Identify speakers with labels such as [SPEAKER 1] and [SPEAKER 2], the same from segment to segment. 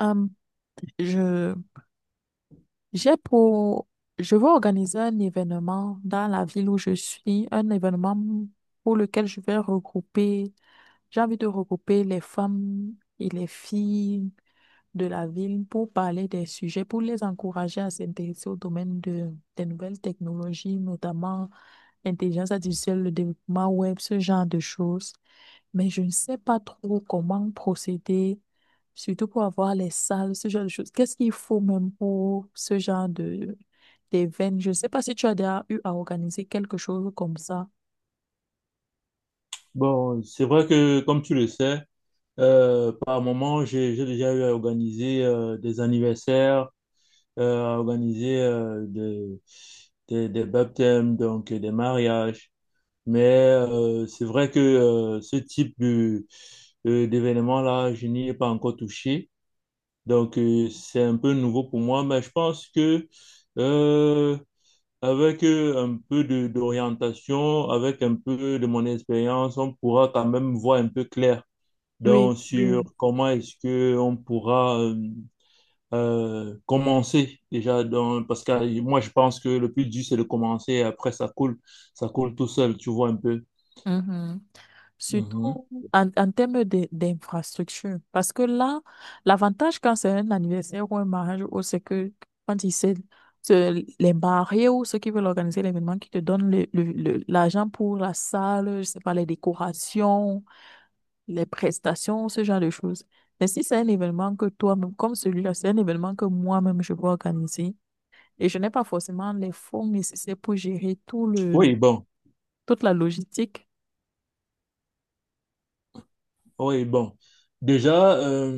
[SPEAKER 1] Hum, je, j'ai pour, je veux organiser un événement dans la ville où je suis, un événement pour lequel je vais regrouper, j'ai envie de regrouper les femmes et les filles de la ville pour parler des sujets, pour les encourager à s'intéresser au domaine des nouvelles technologies, notamment l'intelligence artificielle, le développement web, ce genre de choses, mais je ne sais pas trop comment procéder, surtout pour avoir les salles, ce genre de choses. Qu'est-ce qu'il faut même pour ce genre de d'événement? Je ne sais pas si tu as déjà eu à organiser quelque chose comme ça.
[SPEAKER 2] Bon, c'est vrai que, comme tu le sais, par moment, j'ai déjà eu à organiser des anniversaires, à organiser des baptêmes, donc des mariages. Mais c'est vrai que ce type d'événement-là, je n'y ai pas encore touché. Donc, c'est un peu nouveau pour moi, mais je pense que euh, avec un peu de d'orientation, avec un peu de mon expérience, on pourra quand même voir un peu clair
[SPEAKER 1] Oui,
[SPEAKER 2] donc
[SPEAKER 1] oui.
[SPEAKER 2] sur comment est-ce que on pourra commencer déjà dans parce que moi je pense que le plus dur c'est de commencer et après ça coule tout seul tu vois un peu.
[SPEAKER 1] Mhm.
[SPEAKER 2] Mhm.
[SPEAKER 1] Surtout en termes d'infrastructure. Parce que là, l'avantage quand c'est un anniversaire ou un mariage, ou c'est que quand les mariés ou ceux qui veulent organiser l'événement, qui te donnent l'argent pour la salle, je sais pas, les décorations, les prestations, ce genre de choses. Mais si c'est un événement que toi-même, comme celui-là, c'est un événement que moi-même je veux organiser et je n'ai pas forcément les fonds nécessaires pour gérer
[SPEAKER 2] Oui, bon,
[SPEAKER 1] toute la logistique.
[SPEAKER 2] oui, bon, déjà,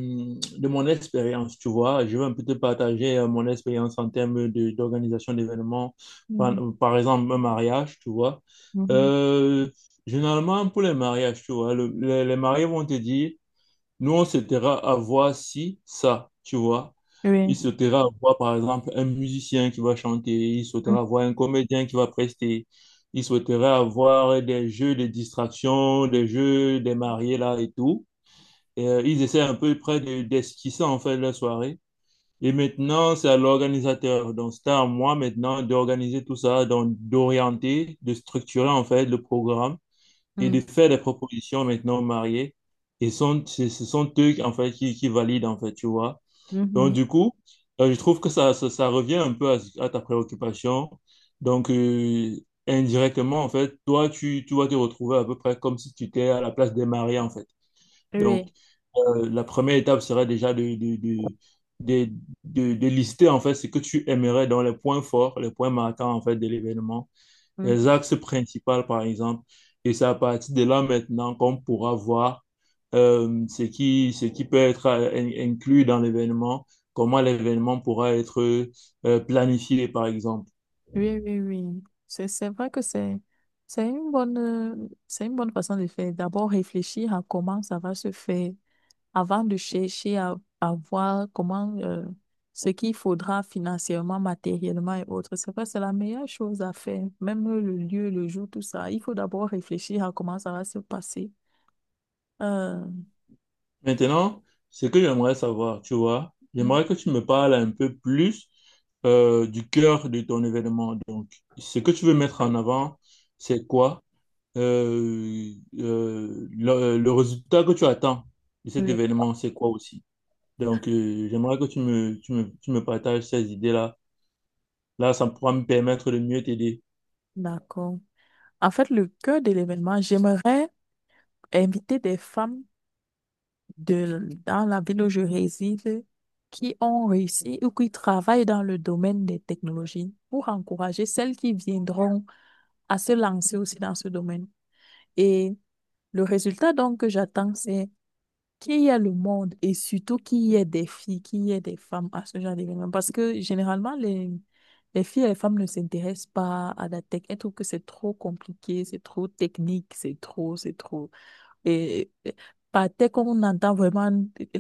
[SPEAKER 2] de mon expérience tu vois je vais un peu te partager mon expérience en termes de d'organisation d'événements, par,
[SPEAKER 1] Mhm,
[SPEAKER 2] par exemple un mariage tu vois.
[SPEAKER 1] mhm.
[SPEAKER 2] Euh, Généralement pour les mariages tu vois les mariés vont te dire: nous, on se taira à voir si ça, tu vois. Il se
[SPEAKER 1] Oui.
[SPEAKER 2] taira à voir, par exemple, un musicien qui va chanter, il souhaitera voir un comédien qui va prester, il souhaitera avoir des jeux de distraction, des jeux des mariés là et tout. Et, ils essaient un peu près d'esquisser en fait la soirée. Et maintenant, c'est à l'organisateur. Donc, c'est à moi maintenant d'organiser tout ça, donc d'orienter, de structurer en fait le programme et de
[SPEAKER 1] Mhm,
[SPEAKER 2] faire des propositions maintenant aux mariés. Et sont, ce ce sont eux, en fait, qui valident, en fait, tu vois. Donc,
[SPEAKER 1] mhm.
[SPEAKER 2] du coup, je trouve que ça revient un peu à, à ta préoccupation. Donc, indirectement, en fait, toi, tu vas te retrouver à peu près comme si tu étais à la place des mariés, en fait. Donc,
[SPEAKER 1] Oui.
[SPEAKER 2] la première étape serait déjà de, de lister, en fait, ce que tu aimerais dans les points forts, les points marquants, en fait, de l'événement, les
[SPEAKER 1] Mhm.
[SPEAKER 2] axes principaux, par exemple. Et c'est à partir de là maintenant qu'on pourra voir ce qui peut être inclus dans l'événement, comment l'événement pourra être planifié, par exemple.
[SPEAKER 1] Oui, oui, oui. C'est vrai que c'est une bonne façon de faire. D'abord réfléchir à comment ça va se faire avant de chercher à voir comment, ce qu'il faudra financièrement, matériellement et autres. C'est vrai, c'est la meilleure chose à faire. Même le lieu, le jour, tout ça. Il faut d'abord réfléchir à comment ça va se passer. Euh,
[SPEAKER 2] Maintenant, ce que j'aimerais savoir, tu vois, j'aimerais que tu me parles un peu plus du cœur de ton événement. Donc, ce que tu veux mettre en avant, c'est quoi? Euh, le résultat que tu attends de cet
[SPEAKER 1] Oui.
[SPEAKER 2] événement, c'est quoi aussi? Donc, j'aimerais que tu me partages ces idées-là. Là, ça pourra me permettre de mieux t'aider.
[SPEAKER 1] D'accord. En fait, le cœur de l'événement, j'aimerais inviter des femmes dans la ville où je réside, qui ont réussi ou qui travaillent dans le domaine des technologies pour encourager celles qui viendront à se lancer aussi dans ce domaine. Et le résultat donc que j'attends, c'est qu'il y ait le monde et surtout qu'il y ait des filles, qu'il y ait des femmes à ce genre d'événement. Parce que généralement, les filles et les femmes ne s'intéressent pas à la tech. Elles trouvent que c'est trop compliqué, c'est trop technique, c'est trop. Et par tech, on entend vraiment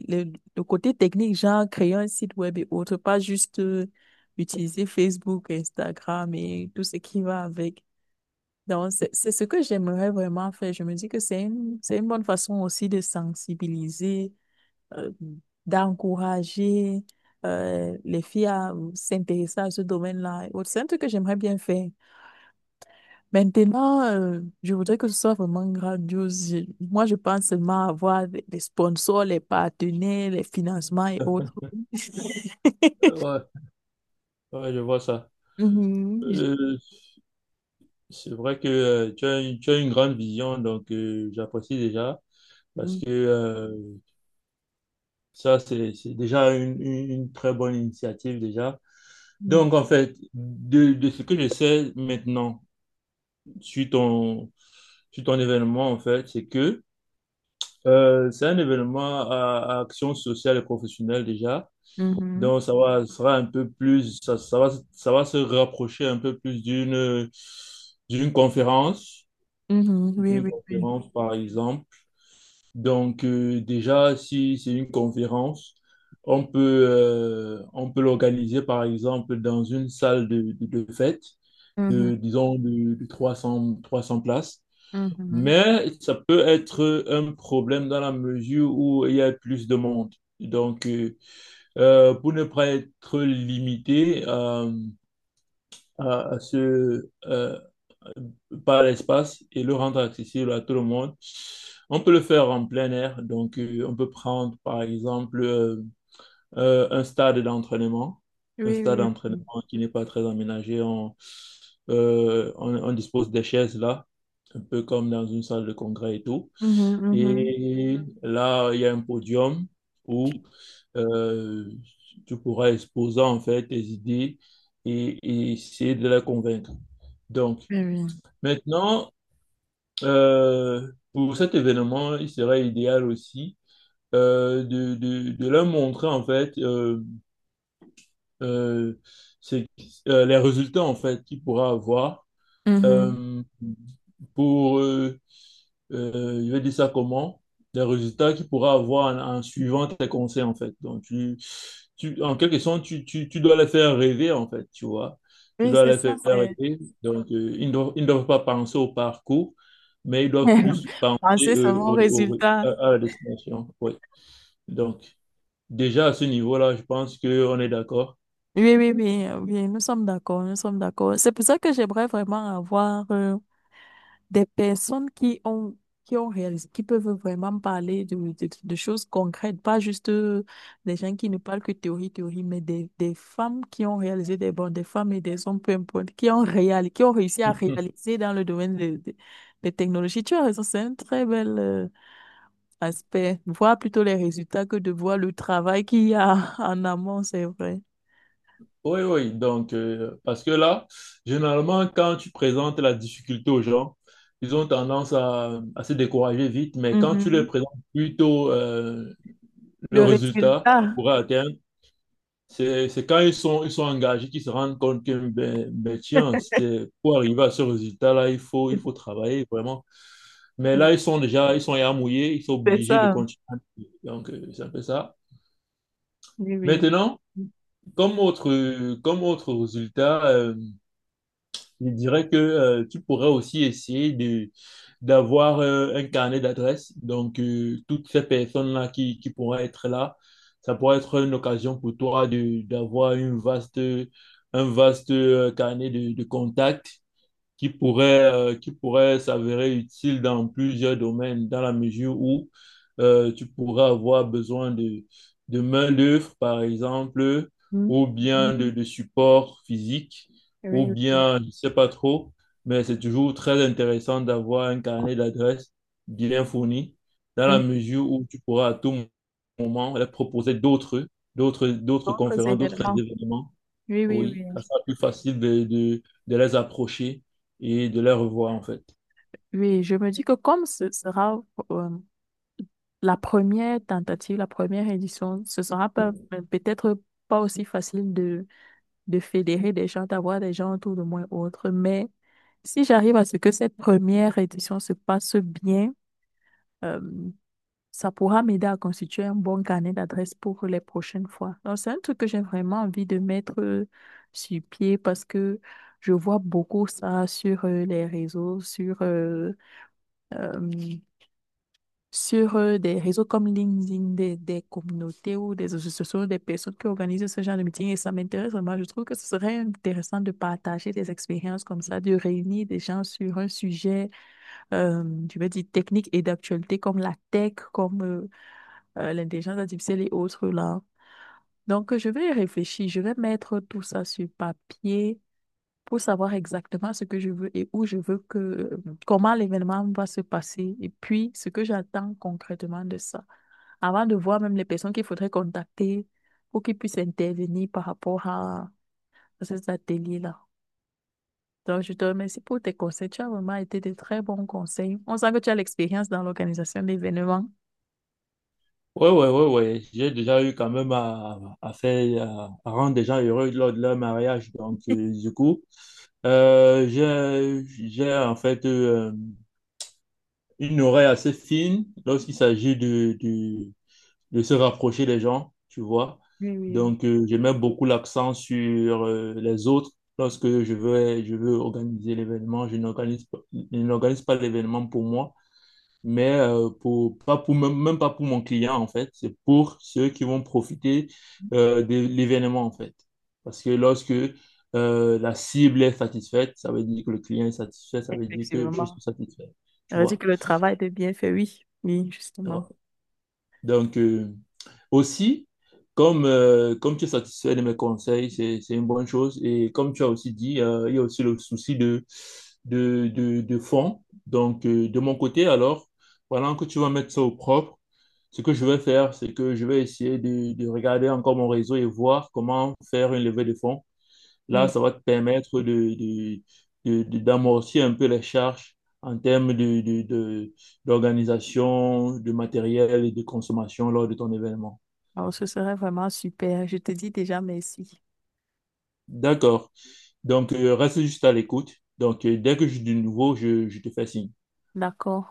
[SPEAKER 1] le côté technique, genre créer un site web et autres, pas juste utiliser Facebook, Instagram et tout ce qui va avec. Donc, c'est ce que j'aimerais vraiment faire. Je me dis que c'est une bonne façon aussi de sensibiliser, euh, d'encourager les filles à s'intéresser à ce domaine-là et autres. C'est un truc que j'aimerais bien faire. Maintenant, je voudrais que ce soit vraiment grandiose. Moi, je pense seulement à avoir des sponsors, les partenaires, les financements et autres.
[SPEAKER 2] Ouais, ouais, je vois ça.
[SPEAKER 1] Mhm.
[SPEAKER 2] Euh, C'est vrai que tu as, tu as une grande vision, donc j'apprécie déjà parce que ça, c'est déjà une très bonne initiative déjà.
[SPEAKER 1] Mhm.
[SPEAKER 2] Donc, en fait, de ce que je sais maintenant, suite ton, sur ton événement, en fait, c'est que c'est un événement à action sociale et professionnelle déjà.
[SPEAKER 1] Mhm.
[SPEAKER 2] Donc, ça sera un peu plus, ça va se rapprocher un peu plus d'une conférence,
[SPEAKER 1] Mhm. Oui,
[SPEAKER 2] d'une
[SPEAKER 1] oui, oui.
[SPEAKER 2] conférence, par exemple. Donc, déjà, si c'est une conférence, on peut l'organiser, par exemple, dans une salle de fête, de,
[SPEAKER 1] Mhm.
[SPEAKER 2] disons, de trois 300 places.
[SPEAKER 1] Mhm.
[SPEAKER 2] Mais ça peut être un problème dans la mesure où il y a plus de monde. Donc, pour ne pas être limité à ce, par l'espace et le rendre accessible à tout le monde. On peut le faire en plein air, donc on peut prendre par exemple euh, un stade d'entraînement, un
[SPEAKER 1] Oui,
[SPEAKER 2] stade
[SPEAKER 1] oui.
[SPEAKER 2] d'entraînement qui n'est pas très aménagé. On dispose des chaises là, un peu comme dans une salle de congrès et tout.
[SPEAKER 1] Mhm, mhm.
[SPEAKER 2] Et là, il y a un podium où euh, tu pourras exposer en fait tes idées et essayer de les convaincre. Donc,
[SPEAKER 1] Oui, oui.
[SPEAKER 2] maintenant, pour cet événement, il serait idéal aussi de leur montrer en fait euh, c'est- les résultats en fait qu'il pourra avoir
[SPEAKER 1] Mhm.
[SPEAKER 2] euh, pour je vais dire ça comment, les résultats qu'il pourra avoir en suivant tes conseils, en fait. Donc, en quelque sorte, tu dois les faire rêver, en fait, tu vois. Tu
[SPEAKER 1] Oui,
[SPEAKER 2] dois
[SPEAKER 1] c'est
[SPEAKER 2] les
[SPEAKER 1] ça,
[SPEAKER 2] faire
[SPEAKER 1] c'est...
[SPEAKER 2] rêver. Donc, ils ne doivent pas penser au parcours, mais ils doivent plus penser
[SPEAKER 1] Penser seulement au résultat.
[SPEAKER 2] à la destination. Oui. Donc, déjà à ce niveau-là, je pense qu'on est d'accord.
[SPEAKER 1] Oui, oui, oui, oui, nous sommes d'accord, nous sommes d'accord. C'est pour ça que j'aimerais vraiment avoir des personnes qui ont réalisé, qui peuvent vraiment parler de choses concrètes, pas juste des gens qui ne parlent que théorie, théorie, mais des femmes qui ont réalisé des bons, des femmes et des hommes, peu importe, qui ont réalisé, qui ont réussi à réaliser dans le domaine des technologies. Tu as raison, c'est un très bel, aspect, voir plutôt les résultats que de voir le travail qu'il y a en amont, c'est vrai.
[SPEAKER 2] Oui, oui, donc, parce que là, généralement, quand tu présentes la difficulté aux gens, ils ont tendance à se décourager vite, mais quand tu leur
[SPEAKER 1] Mhm.
[SPEAKER 2] présentes plutôt le
[SPEAKER 1] Le
[SPEAKER 2] résultat qu'ils
[SPEAKER 1] résultat,
[SPEAKER 2] pourraient atteindre, c'est quand ils sont engagés qu'ils se rendent compte que, tiens, c'est, pour arriver à ce résultat-là, il faut travailler vraiment. Mais là, ils sont ya mouillés, ils sont
[SPEAKER 1] c'est
[SPEAKER 2] obligés de
[SPEAKER 1] ça.
[SPEAKER 2] continuer. Donc, c'est un peu ça.
[SPEAKER 1] Oui, oui.
[SPEAKER 2] Maintenant, comme autre résultat, je dirais que tu pourrais aussi essayer de d'avoir un carnet d'adresses. Donc, toutes ces personnes-là qui pourraient être là, ça pourrait être une occasion pour toi de d'avoir une vaste, un vaste carnet de contacts qui pourrait s'avérer utile dans plusieurs domaines, dans la mesure où tu pourrais avoir besoin de main-d'œuvre, par exemple,
[SPEAKER 1] Mhm.
[SPEAKER 2] ou bien
[SPEAKER 1] Mhm.
[SPEAKER 2] de support physique,
[SPEAKER 1] Oui,
[SPEAKER 2] ou
[SPEAKER 1] oui, oui.
[SPEAKER 2] bien, je ne sais pas trop, mais c'est toujours très intéressant d'avoir un carnet d'adresses bien fourni, dans la
[SPEAKER 1] Mhm.
[SPEAKER 2] mesure où tu pourras à tout moment leur proposer d'autres
[SPEAKER 1] D'autres
[SPEAKER 2] conférences, d'autres
[SPEAKER 1] événements.
[SPEAKER 2] événements.
[SPEAKER 1] Oui, oui, oui.
[SPEAKER 2] Oui, ça sera plus facile de les approcher et de les revoir en fait.
[SPEAKER 1] Oui, je me dis que comme ce sera, euh, la première tentative, la première édition, ce sera pas- mais peut-être pas aussi facile de fédérer des gens, d'avoir des gens autour de moi ou autre, mais si j'arrive à ce que cette première édition se passe bien, euh, ça pourra m'aider à constituer un bon carnet d'adresses pour les prochaines fois. Donc, c'est un truc que j'ai vraiment envie de mettre sur pied, parce que je vois beaucoup ça sur les réseaux, euh, sur des réseaux comme LinkedIn, des communautés ou des associations, des personnes qui organisent ce genre de meeting. Et ça m'intéresse vraiment. Je trouve que ce serait intéressant de partager des expériences comme ça, de réunir des gens sur un sujet, euh, je vais dire, technique et d'actualité comme la tech, comme l'intelligence artificielle et autres là. Donc, je vais y réfléchir, je vais mettre tout ça sur papier pour savoir exactement ce que je veux et où je veux que, comment l'événement va se passer et puis ce que j'attends concrètement de ça. Avant de voir même les personnes qu'il faudrait contacter pour qu'ils puissent intervenir par rapport ces ateliers-là. Donc, je te remercie pour tes conseils. Tu as vraiment été de très bons conseils. On sent que tu as l'expérience dans l'organisation d'événements.
[SPEAKER 2] Ouais, ouais, ouais, ouais. J'ai déjà eu quand même à faire, à rendre des gens heureux lors de leur mariage. Donc, du coup, euh, j'ai, j'ai en fait une oreille assez fine lorsqu'il s'agit de se rapprocher des gens, tu vois.
[SPEAKER 1] Oui, oui, oui.
[SPEAKER 2] Donc, je mets beaucoup l'accent sur les autres. Lorsque je veux organiser l'événement, je n'organise pas l'événement pour moi mais pour, pas pour, même pas pour mon client, en fait. C'est pour ceux qui vont profiter de l'événement, en fait. Parce que lorsque la cible est satisfaite, ça veut dire que le client est satisfait, ça veut dire que je
[SPEAKER 1] Effectivement.
[SPEAKER 2] suis satisfait.
[SPEAKER 1] Ça
[SPEAKER 2] Tu
[SPEAKER 1] veut dire
[SPEAKER 2] vois?
[SPEAKER 1] que le travail était bien fait, oui. Oui, justement.
[SPEAKER 2] Alors, donc, aussi, comme tu es satisfait de mes conseils, c'est une bonne chose. Et comme tu as aussi dit, il y a aussi le souci de fond. Donc, de mon côté, alors, voilà que tu vas mettre ça au propre, ce que je vais faire, c'est que je vais essayer de regarder encore mon réseau et voir comment faire une levée de fonds. Là,
[SPEAKER 1] Mm.
[SPEAKER 2] ça va te permettre d'amorcer un peu les charges en termes d'organisation, de matériel et de consommation lors de ton événement.
[SPEAKER 1] Alors, ce serait vraiment super. Je te dis déjà merci.
[SPEAKER 2] D'accord. Donc, reste juste à l'écoute. Donc, dès que j'ai du nouveau, je te fais signe.
[SPEAKER 1] D'accord.